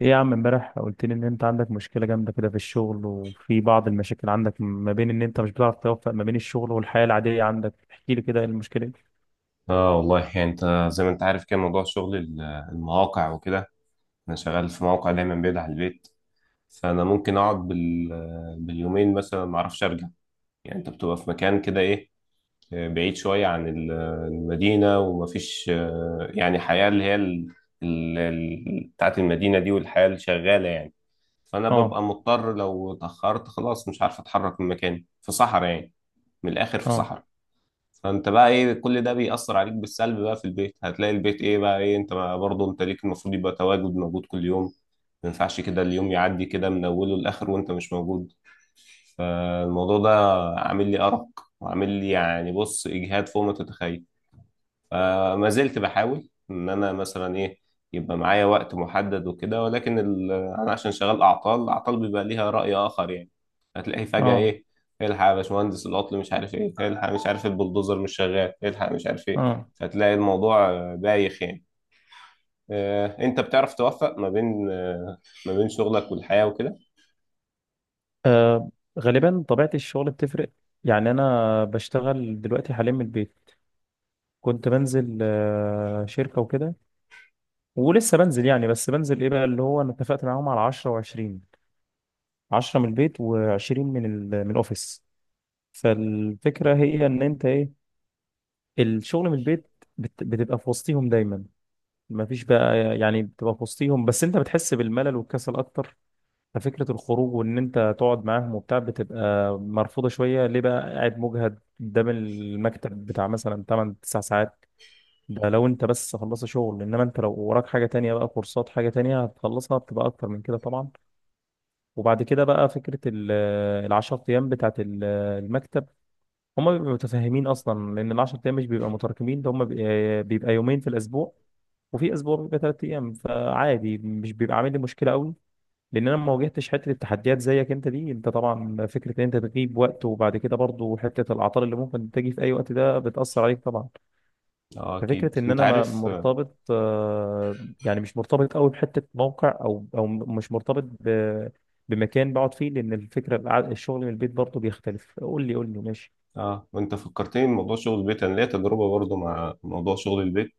ايه يا عم، امبارح قلت لي ان انت عندك مشكلة جامدة كده في الشغل، وفي بعض المشاكل عندك ما بين ان انت مش بتعرف توفق ما بين الشغل والحياة العادية عندك. احكي لي كده، ايه المشكلة دي؟ اه والله يعني انت زي ما انت عارف كده، موضوع شغل المواقع وكده. انا شغال في موقع دايما بعيد عن البيت، فانا ممكن اقعد باليومين مثلا ما اعرفش ارجع. يعني انت بتبقى في مكان كده، ايه، بعيد شويه عن المدينه، ومفيش يعني حياه اللي هي بتاعت المدينه دي والحياه اللي شغاله يعني. فانا اه. ببقى مضطر لو اتاخرت، خلاص مش عارف اتحرك من مكاني، في صحراء يعني. من الاخر، في اه. صحراء. فانت بقى، ايه، كل ده بيأثر عليك بالسلب. بقى في البيت هتلاقي البيت ايه بقى، ايه، انت بقى برضه انت ليك المفروض يبقى تواجد موجود كل يوم. ما ينفعش كده اليوم يعدي كده من اوله لاخره وانت مش موجود. فالموضوع ده عامل لي ارق، وعامل لي يعني، بص، اجهاد فوق ما تتخيل. فما زلت بحاول ان انا مثلا ايه، يبقى معايا وقت محدد وكده، ولكن انا عشان شغال اعطال، الاعطال بيبقى ليها راي اخر يعني. هتلاقيه فجاه، اه. ايه، الحق يا باشمهندس العطل مش عارف ايه، الحق مش عارف البلدوزر مش شغال، الحق مش عارف ايه. اه. فتلاقي الموضوع بايخ يعني. انت بتعرف توفق ما بين، ما بين شغلك والحياه وكده. آه، غالبا طبيعة الشغل بتفرق. يعني انا بشتغل دلوقتي حاليا من البيت. كنت بنزل شركة وكده، ولسه بنزل. يعني بس بنزل ايه بقى، اللي هو انا اتفقت معاهم على 10 و20. 10 من البيت و20 من من الاوفيس. فالفكرة هي ان انت ايه، الشغل من البيت بتبقى في وسطيهم دايما. ما فيش بقى، يعني بتبقى في وسطيهم، بس انت بتحس بالملل والكسل اكتر. ففكرة الخروج وان انت تقعد معاهم وبتاع بتبقى مرفوضة شوية. ليه بقى؟ قاعد مجهد قدام المكتب بتاع مثلا 8 9 ساعات. ده لو انت بس خلصت شغل، انما انت لو وراك حاجة تانية بقى، كورسات، حاجة تانية هتخلصها، بتبقى اكتر من كده طبعا. وبعد كده بقى فكرة الـ10 ايام بتاعت المكتب. هما بيبقوا متفاهمين اصلا، لان الـ10 ايام مش بيبقى متراكمين. ده هما بيبقى يومين في الاسبوع، وفي اسبوع بيبقى 3 ايام، فعادي مش بيبقى عامل لي مشكله قوي. لان انا ما واجهتش حته التحديات زيك انت دي. انت طبعا فكره ان انت تغيب وقت، وبعد كده برضو حته الاعطال اللي ممكن تجي في اي وقت، ده بتاثر عليك طبعا. اه اكيد ففكره ان انت انا ما عارف. مرتبط، يعني مش مرتبط قوي بحته موقع، او مش مرتبط بمكان بقعد فيه، لان الفكره الشغل من البيت برضو بيختلف. قول لي ماشي. اه، وانت فكرتني بموضوع شغل البيت. انا ليا تجربه برضو مع موضوع شغل البيت.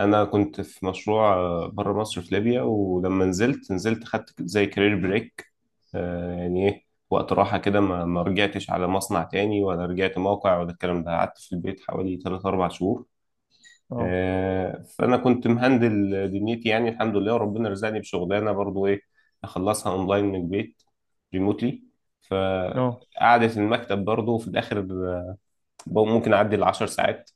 انا كنت في مشروع بره مصر في ليبيا، ولما نزلت نزلت خدت زي كارير بريك، آه، يعني ايه، وقت راحه كده. ما رجعتش على مصنع تاني، ولا رجعت موقع ولا الكلام ده. قعدت في البيت حوالي 3 4 شهور. اه. آه، فانا كنت مهندل دنيتي يعني، الحمد لله. وربنا رزقني بشغلانه برضو، ايه، اخلصها اونلاين من البيت، ريموتلي. ف اه. قعدة المكتب برضه في الآخر ممكن اعدي العشر ساعات.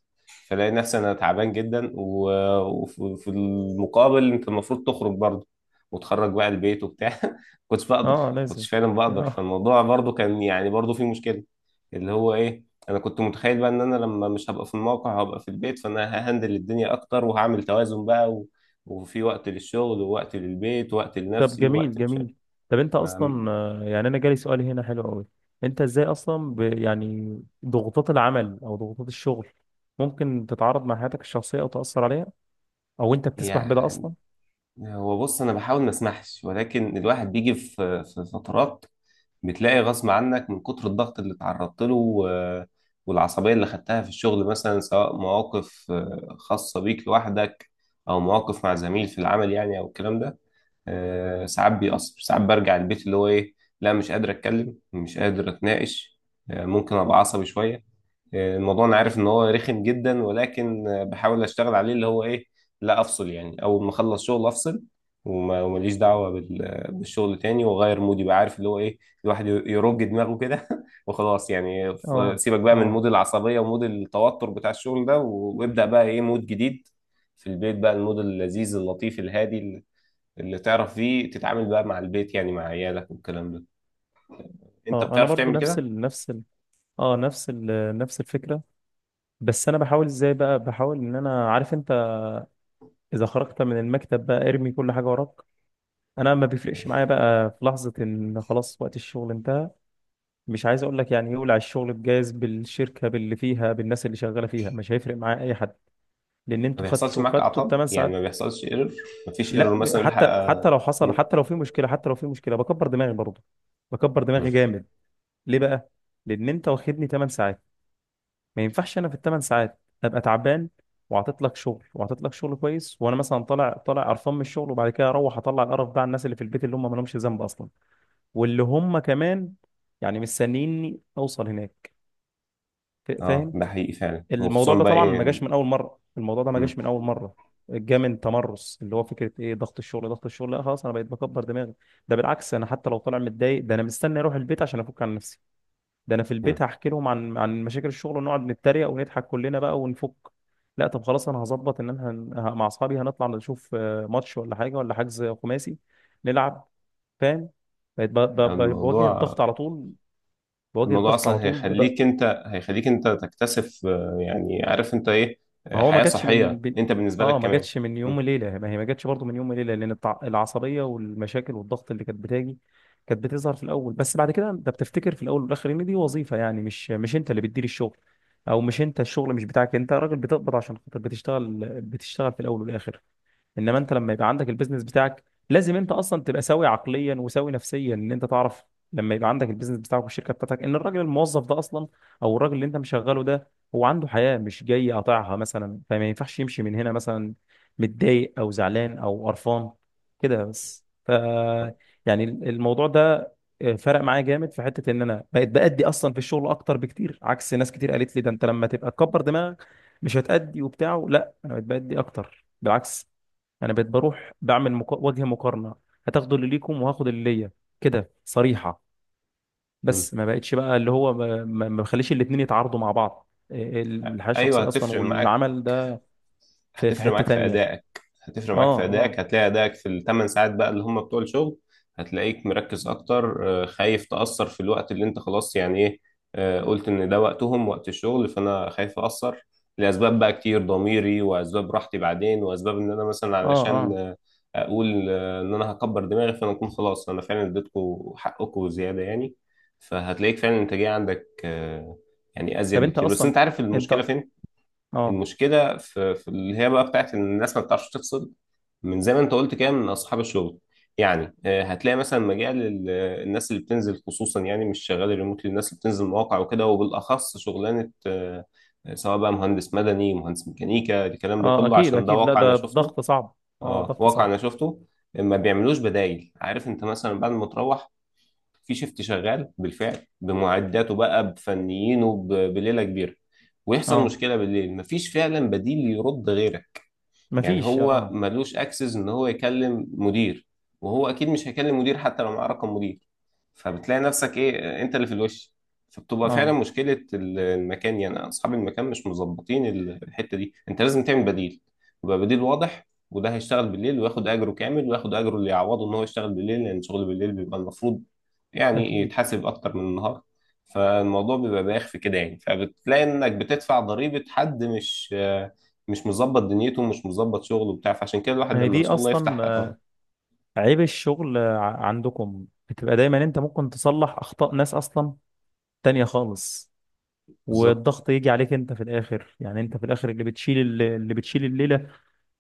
فلاقي نفسي انا تعبان جدا، وفي المقابل انت المفروض تخرج برضه وتخرج بقى البيت وبتاع. كنتش بقدر، اه. لازم. كنتش فعلا بقدر. اه. فالموضوع برضه كان يعني برضه فيه مشكلة، اللي هو ايه، انا كنت متخيل بقى ان انا لما مش هبقى في الموقع هبقى في البيت، فانا ههندل الدنيا اكتر وهعمل توازن بقى، وفي وقت للشغل ووقت للبيت ووقت طب لنفسي جميل ووقت مش عارف. جميل. طب انت ما- اصلا، يعني انا جالي سؤال هنا حلو قوي. انت ازاي اصلا يعني ضغوطات العمل او ضغوطات الشغل ممكن تتعارض مع حياتك الشخصيه او تاثر عليها، او انت بتسمح بده يعني اصلا؟ هو بص، انا بحاول ما اسمحش، ولكن الواحد بيجي في فترات بتلاقي غصب عنك من كتر الضغط اللي اتعرضت له، والعصبية اللي خدتها في الشغل، مثلا سواء مواقف خاصة بيك لوحدك أو مواقف مع زميل في العمل يعني أو الكلام ده. ساعات بيأثر. ساعات برجع البيت اللي هو ايه، لا مش قادر اتكلم، مش قادر اتناقش. ممكن ابقى عصبي شويه. الموضوع انا عارف ان هو رخم جدا، ولكن بحاول اشتغل عليه اللي هو ايه، لا افصل يعني. اول ما اخلص شغل افصل، ومليش دعوه بالشغل تاني، واغير مودي بقى، عارف، اللي هو ايه، الواحد يرج دماغه كده وخلاص يعني. اه. سيبك بقى من اه. مود العصبيه ومود التوتر بتاع الشغل ده، وابدا بقى ايه، مود جديد في البيت بقى، المود اللذيذ اللطيف الهادي اللي تعرف فيه تتعامل بقى مع البيت يعني، مع عيالك والكلام ده. انت اه. انا بتعرف برضو تعمل نفس كده؟ ال... نفس ال... اه نفس ال... نفس الفكره. بس انا بحاول ازاي بقى، بحاول ان انا عارف انت اذا خرجت من المكتب بقى ارمي كل حاجه وراك. انا ما بيفرقش معايا بقى في لحظه ان خلاص وقت الشغل انتهى، مش عايز اقول لك يعني يولع الشغل بجاز، بالشركه، باللي فيها، بالناس اللي شغاله فيها، مش هيفرق معاه اي حد. لان ما انتوا بيحصلش خدتوا معاك خدتوا اعطال؟ الثمان يعني ساعات ما بيحصلش ايرور؟ ما فيش ايرور لا، مثلا يلحق حتى آه، لو حصل، م- حتى لو في مشكله بكبر دماغي برضه. بكبر م. دماغي جامد. ليه بقى؟ لان انت واخدني 8 ساعات. ما ينفعش انا في الـ8 ساعات ابقى تعبان، وعطيت لك شغل كويس، وانا مثلا طالع قرفان من الشغل، وبعد كده اروح اطلع القرف ده على الناس اللي في البيت اللي هم ما لهمش ذنب اصلا، واللي هم كمان يعني مستنيني اوصل هناك. اه، فاهم. ده حقيقي فعلا، الموضوع وخصوصا ده بقى طبعا ما ايه. جاش من اول مره، الموضوع ده ما م- جاش من اول مره. جه من تمرس، اللي هو فكره ايه، ضغط الشغل. لا خلاص انا بقيت بكبر دماغي. ده بالعكس، انا حتى لو طالع متضايق، ده انا مستني اروح البيت عشان افك عن نفسي. ده انا في م. البيت هحكي لهم عن مشاكل الشغل، ونقعد نتريق ونضحك كلنا بقى، ونفك. لا، طب خلاص، انا هظبط ان انا مع اصحابي هنطلع نشوف ماتش ولا حاجه، ولا حجز خماسي نلعب. فاهم. بقيت يعني بواجه الموضوع، الضغط على طول. بواجه الموضوع الضغط على اصلا طول هيخليك انت، هيخليك انت تكتسب يعني عارف انت ايه، ما هو ما حياة جاتش صحية انت بالنسبة لك ما كمان. جاتش من م- يوم وليله. ما هي ما جاتش برضه من يوم وليله، لان العصبيه والمشاكل والضغط اللي كانت بتاجي كانت بتظهر في الاول. بس بعد كده انت بتفتكر في الاول والاخر ان دي وظيفه، يعني مش انت اللي بتدير الشغل، او مش انت، الشغل مش بتاعك، انت راجل بتقبض عشان خاطر بتشتغل في الاول والاخر. انما انت لما يبقى عندك البيزنس بتاعك، لازم انت اصلا تبقى سوي عقليا وسوي نفسيا، ان انت تعرف لما يبقى عندك البيزنس بتاعك والشركه بتاعتك، ان الراجل الموظف ده اصلا، او الراجل اللي انت مشغله ده، هو عنده حياه، مش جاي قاطعها مثلا، فما ينفعش يمشي من هنا مثلا متضايق او زعلان او قرفان كده. بس ف، يعني الموضوع ده فرق معايا جامد في حته ان انا بقيت بأدي اصلا في الشغل اكتر بكتير، عكس ناس كتير قالت لي ده انت لما تبقى تكبر دماغك مش هتأدي وبتاع. لا، انا بقيت بأدي اكتر بالعكس. انا بقيت بروح بعمل وجه مقارنه، هتاخدوا اللي ليكم وهاخد اللي ليا، كده صريحه. م. بس ما بقتش بقى اللي هو ما بخليش الاتنين يتعارضوا مع بعض، الحياه ايوه الشخصيه اصلا هتفرق معاك، والعمل ده. في هتفرق حته معاك في تانية. ادائك. هتفرق معاك اه. في اه. ادائك. هتلاقي ادائك في الثمان ساعات بقى اللي هم بتوع الشغل هتلاقيك مركز اكتر. خايف تاثر في الوقت اللي انت خلاص يعني ايه، قلت ان ده وقتهم، وقت الشغل، فانا خايف ااثر لاسباب بقى كتير، ضميري، واسباب راحتي بعدين، واسباب ان انا مثلا اه. علشان اه. اقول ان انا هكبر دماغي. فانا اكون خلاص انا فعلا اديتكم حقكم زياده يعني. فهتلاقيك فعلا الانتاجيه عندك يعني طب ازيد انت بكتير. بس اصلا، انت عارف انت. المشكله فين؟ اه. المشكله في اللي هي بقى بتاعت ان الناس ما بتعرفش تفصل. من زي ما انت قلت كده، من اصحاب الشغل يعني. هتلاقي مثلا مجال الناس اللي بتنزل، خصوصا يعني مش شغال ريموتلي، الناس اللي بتنزل مواقع وكده، وبالاخص شغلانه سواء بقى مهندس مدني، مهندس ميكانيكا، الكلام ده اه كله، اكيد عشان ده اكيد. لا واقع انا ده شفته. ضغط صعب. اه اه ضغط واقع صعب. انا شفته. ما بيعملوش بدايل. عارف انت، مثلا بعد ما تروح، في شيفت شغال بالفعل بمعداته بقى، بفنيينه، بليله كبيره، ويحصل اه مشكله بالليل، مفيش فعلا بديل يرد غيرك. يعني مفيش. هو اه. ملوش اكسس ان هو يكلم مدير، وهو اكيد مش هيكلم مدير حتى لو معاه رقم مدير. فبتلاقي نفسك ايه، انت اللي في الوش. فبتبقى فعلا اه مشكلة المكان يعني، اصحاب المكان مش مظبطين الحتة دي. انت لازم تعمل بديل، يبقى بديل واضح، وده هيشتغل بالليل وياخد اجره كامل، وياخد اجره اللي يعوضه ان هو يشتغل بالليل، لان شغل بالليل بيبقى المفروض يعني اكيد. يتحاسب اكتر من النهار. فالموضوع بيبقى بايخ في كده يعني. فبتلاقي انك بتدفع ضريبة حد مش مظبط دنيته ومش مظبط شغله وبتاع. فعشان كده الواحد ما هي لما ان دي شاء الله اصلا يفتح، اه عيب الشغل. عندكم بتبقى دايما انت ممكن تصلح اخطاء ناس اصلا تانية خالص، بالظبط. والضغط يجي عليك انت في الاخر. يعني انت في الاخر اللي بتشيل، الليله.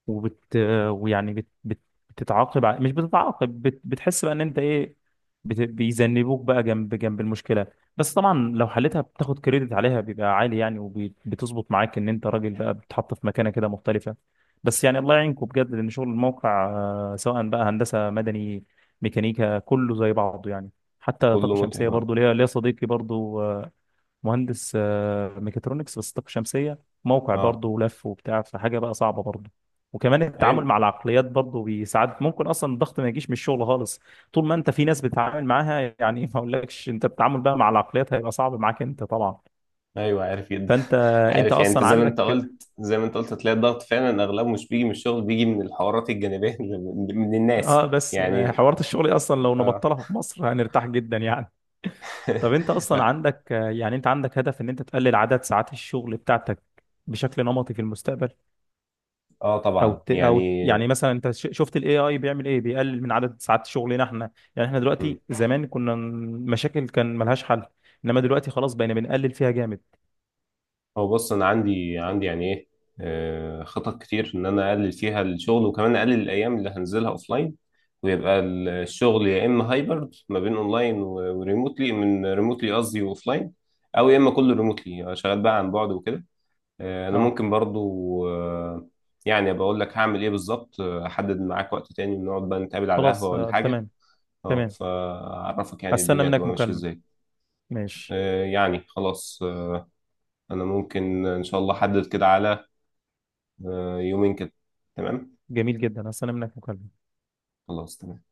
وبت، ويعني بتتعاقب ع- مش بتتعاقب بت... بتحس بقى ان انت ايه، بيذنبوك بقى جنب جنب المشكله. بس طبعا لو حلتها بتاخد كريدت عليها بيبقى عالي يعني، وبتظبط معاك ان انت راجل بقى بتتحط في مكانه كده مختلفه. بس يعني الله يعينكم بجد، لان شغل الموقع، سواء بقى هندسه مدني، ميكانيكا، كله زي بعضه يعني. حتى كله طاقه شمسيه متعب، اه. برضه ليا صديقي برضه مهندس ميكاترونكس بس طاقة شمسية، موقع اه، برضه ولف وبتاع، فحاجة بقى صعبة برضه. وكمان التعامل ايوه، مع العقليات برضه بيساعدك. ممكن اصلا الضغط ما يجيش من الشغل خالص، طول ما انت في ناس بتتعامل معاها. يعني ما اقولكش انت، التعامل بقى مع العقليات هيبقى صعب معاك انت طبعا. ايوه، عارف جدا. فانت انت عارف يعني، انت اصلا زي ما انت عندك، قلت، زي ما انت قلت، هتلاقي الضغط فعلا اغلبه مش بيجي من الشغل، بيجي من الحوارات الجانبيه اللي من اه، الناس بس يعني. حوارات الشغل اصلا لو اه. نبطلها في مصر هنرتاح جدا يعني. طب انت اصلا لا، عندك يعني انت عندك هدف ان انت تقلل عدد ساعات الشغل بتاعتك بشكل نمطي في المستقبل؟ اه او طبعا يعني. او يعني مثلا انت شفت الـAI بيعمل ايه، بيقلل من عدد ساعات شغلنا احنا. يعني احنا دلوقتي زمان كنا مشاكل كان ملهاش حل، انما دلوقتي خلاص بقينا بنقلل فيها جامد. هو بص، انا عندي يعني ايه، خطط كتير ان انا اقلل فيها الشغل، وكمان اقلل الايام اللي هنزلها اوفلاين، ويبقى الشغل يا اما هايبرد ما بين اونلاين وريموتلي، من ريموتلي قصدي، واوفلاين، او يا اما كله ريموتلي شغال بقى عن بعد وكده. انا اه. ممكن برضو يعني بقول لك هعمل ايه بالظبط. احدد معاك وقت تاني نقعد بقى نتقابل على قهوة خلاص ولا آه حاجة. تمام. اه تمام، فاعرفك يعني هستنى الدنيا منك هتبقى ماشية مكالمة. ازاي. ماشي. يعني خلاص، انا ممكن ان شاء الله احدد كده على يومين كده. تمام، جميل جدا، هستنى منك مكالمة. خلاص، تمام.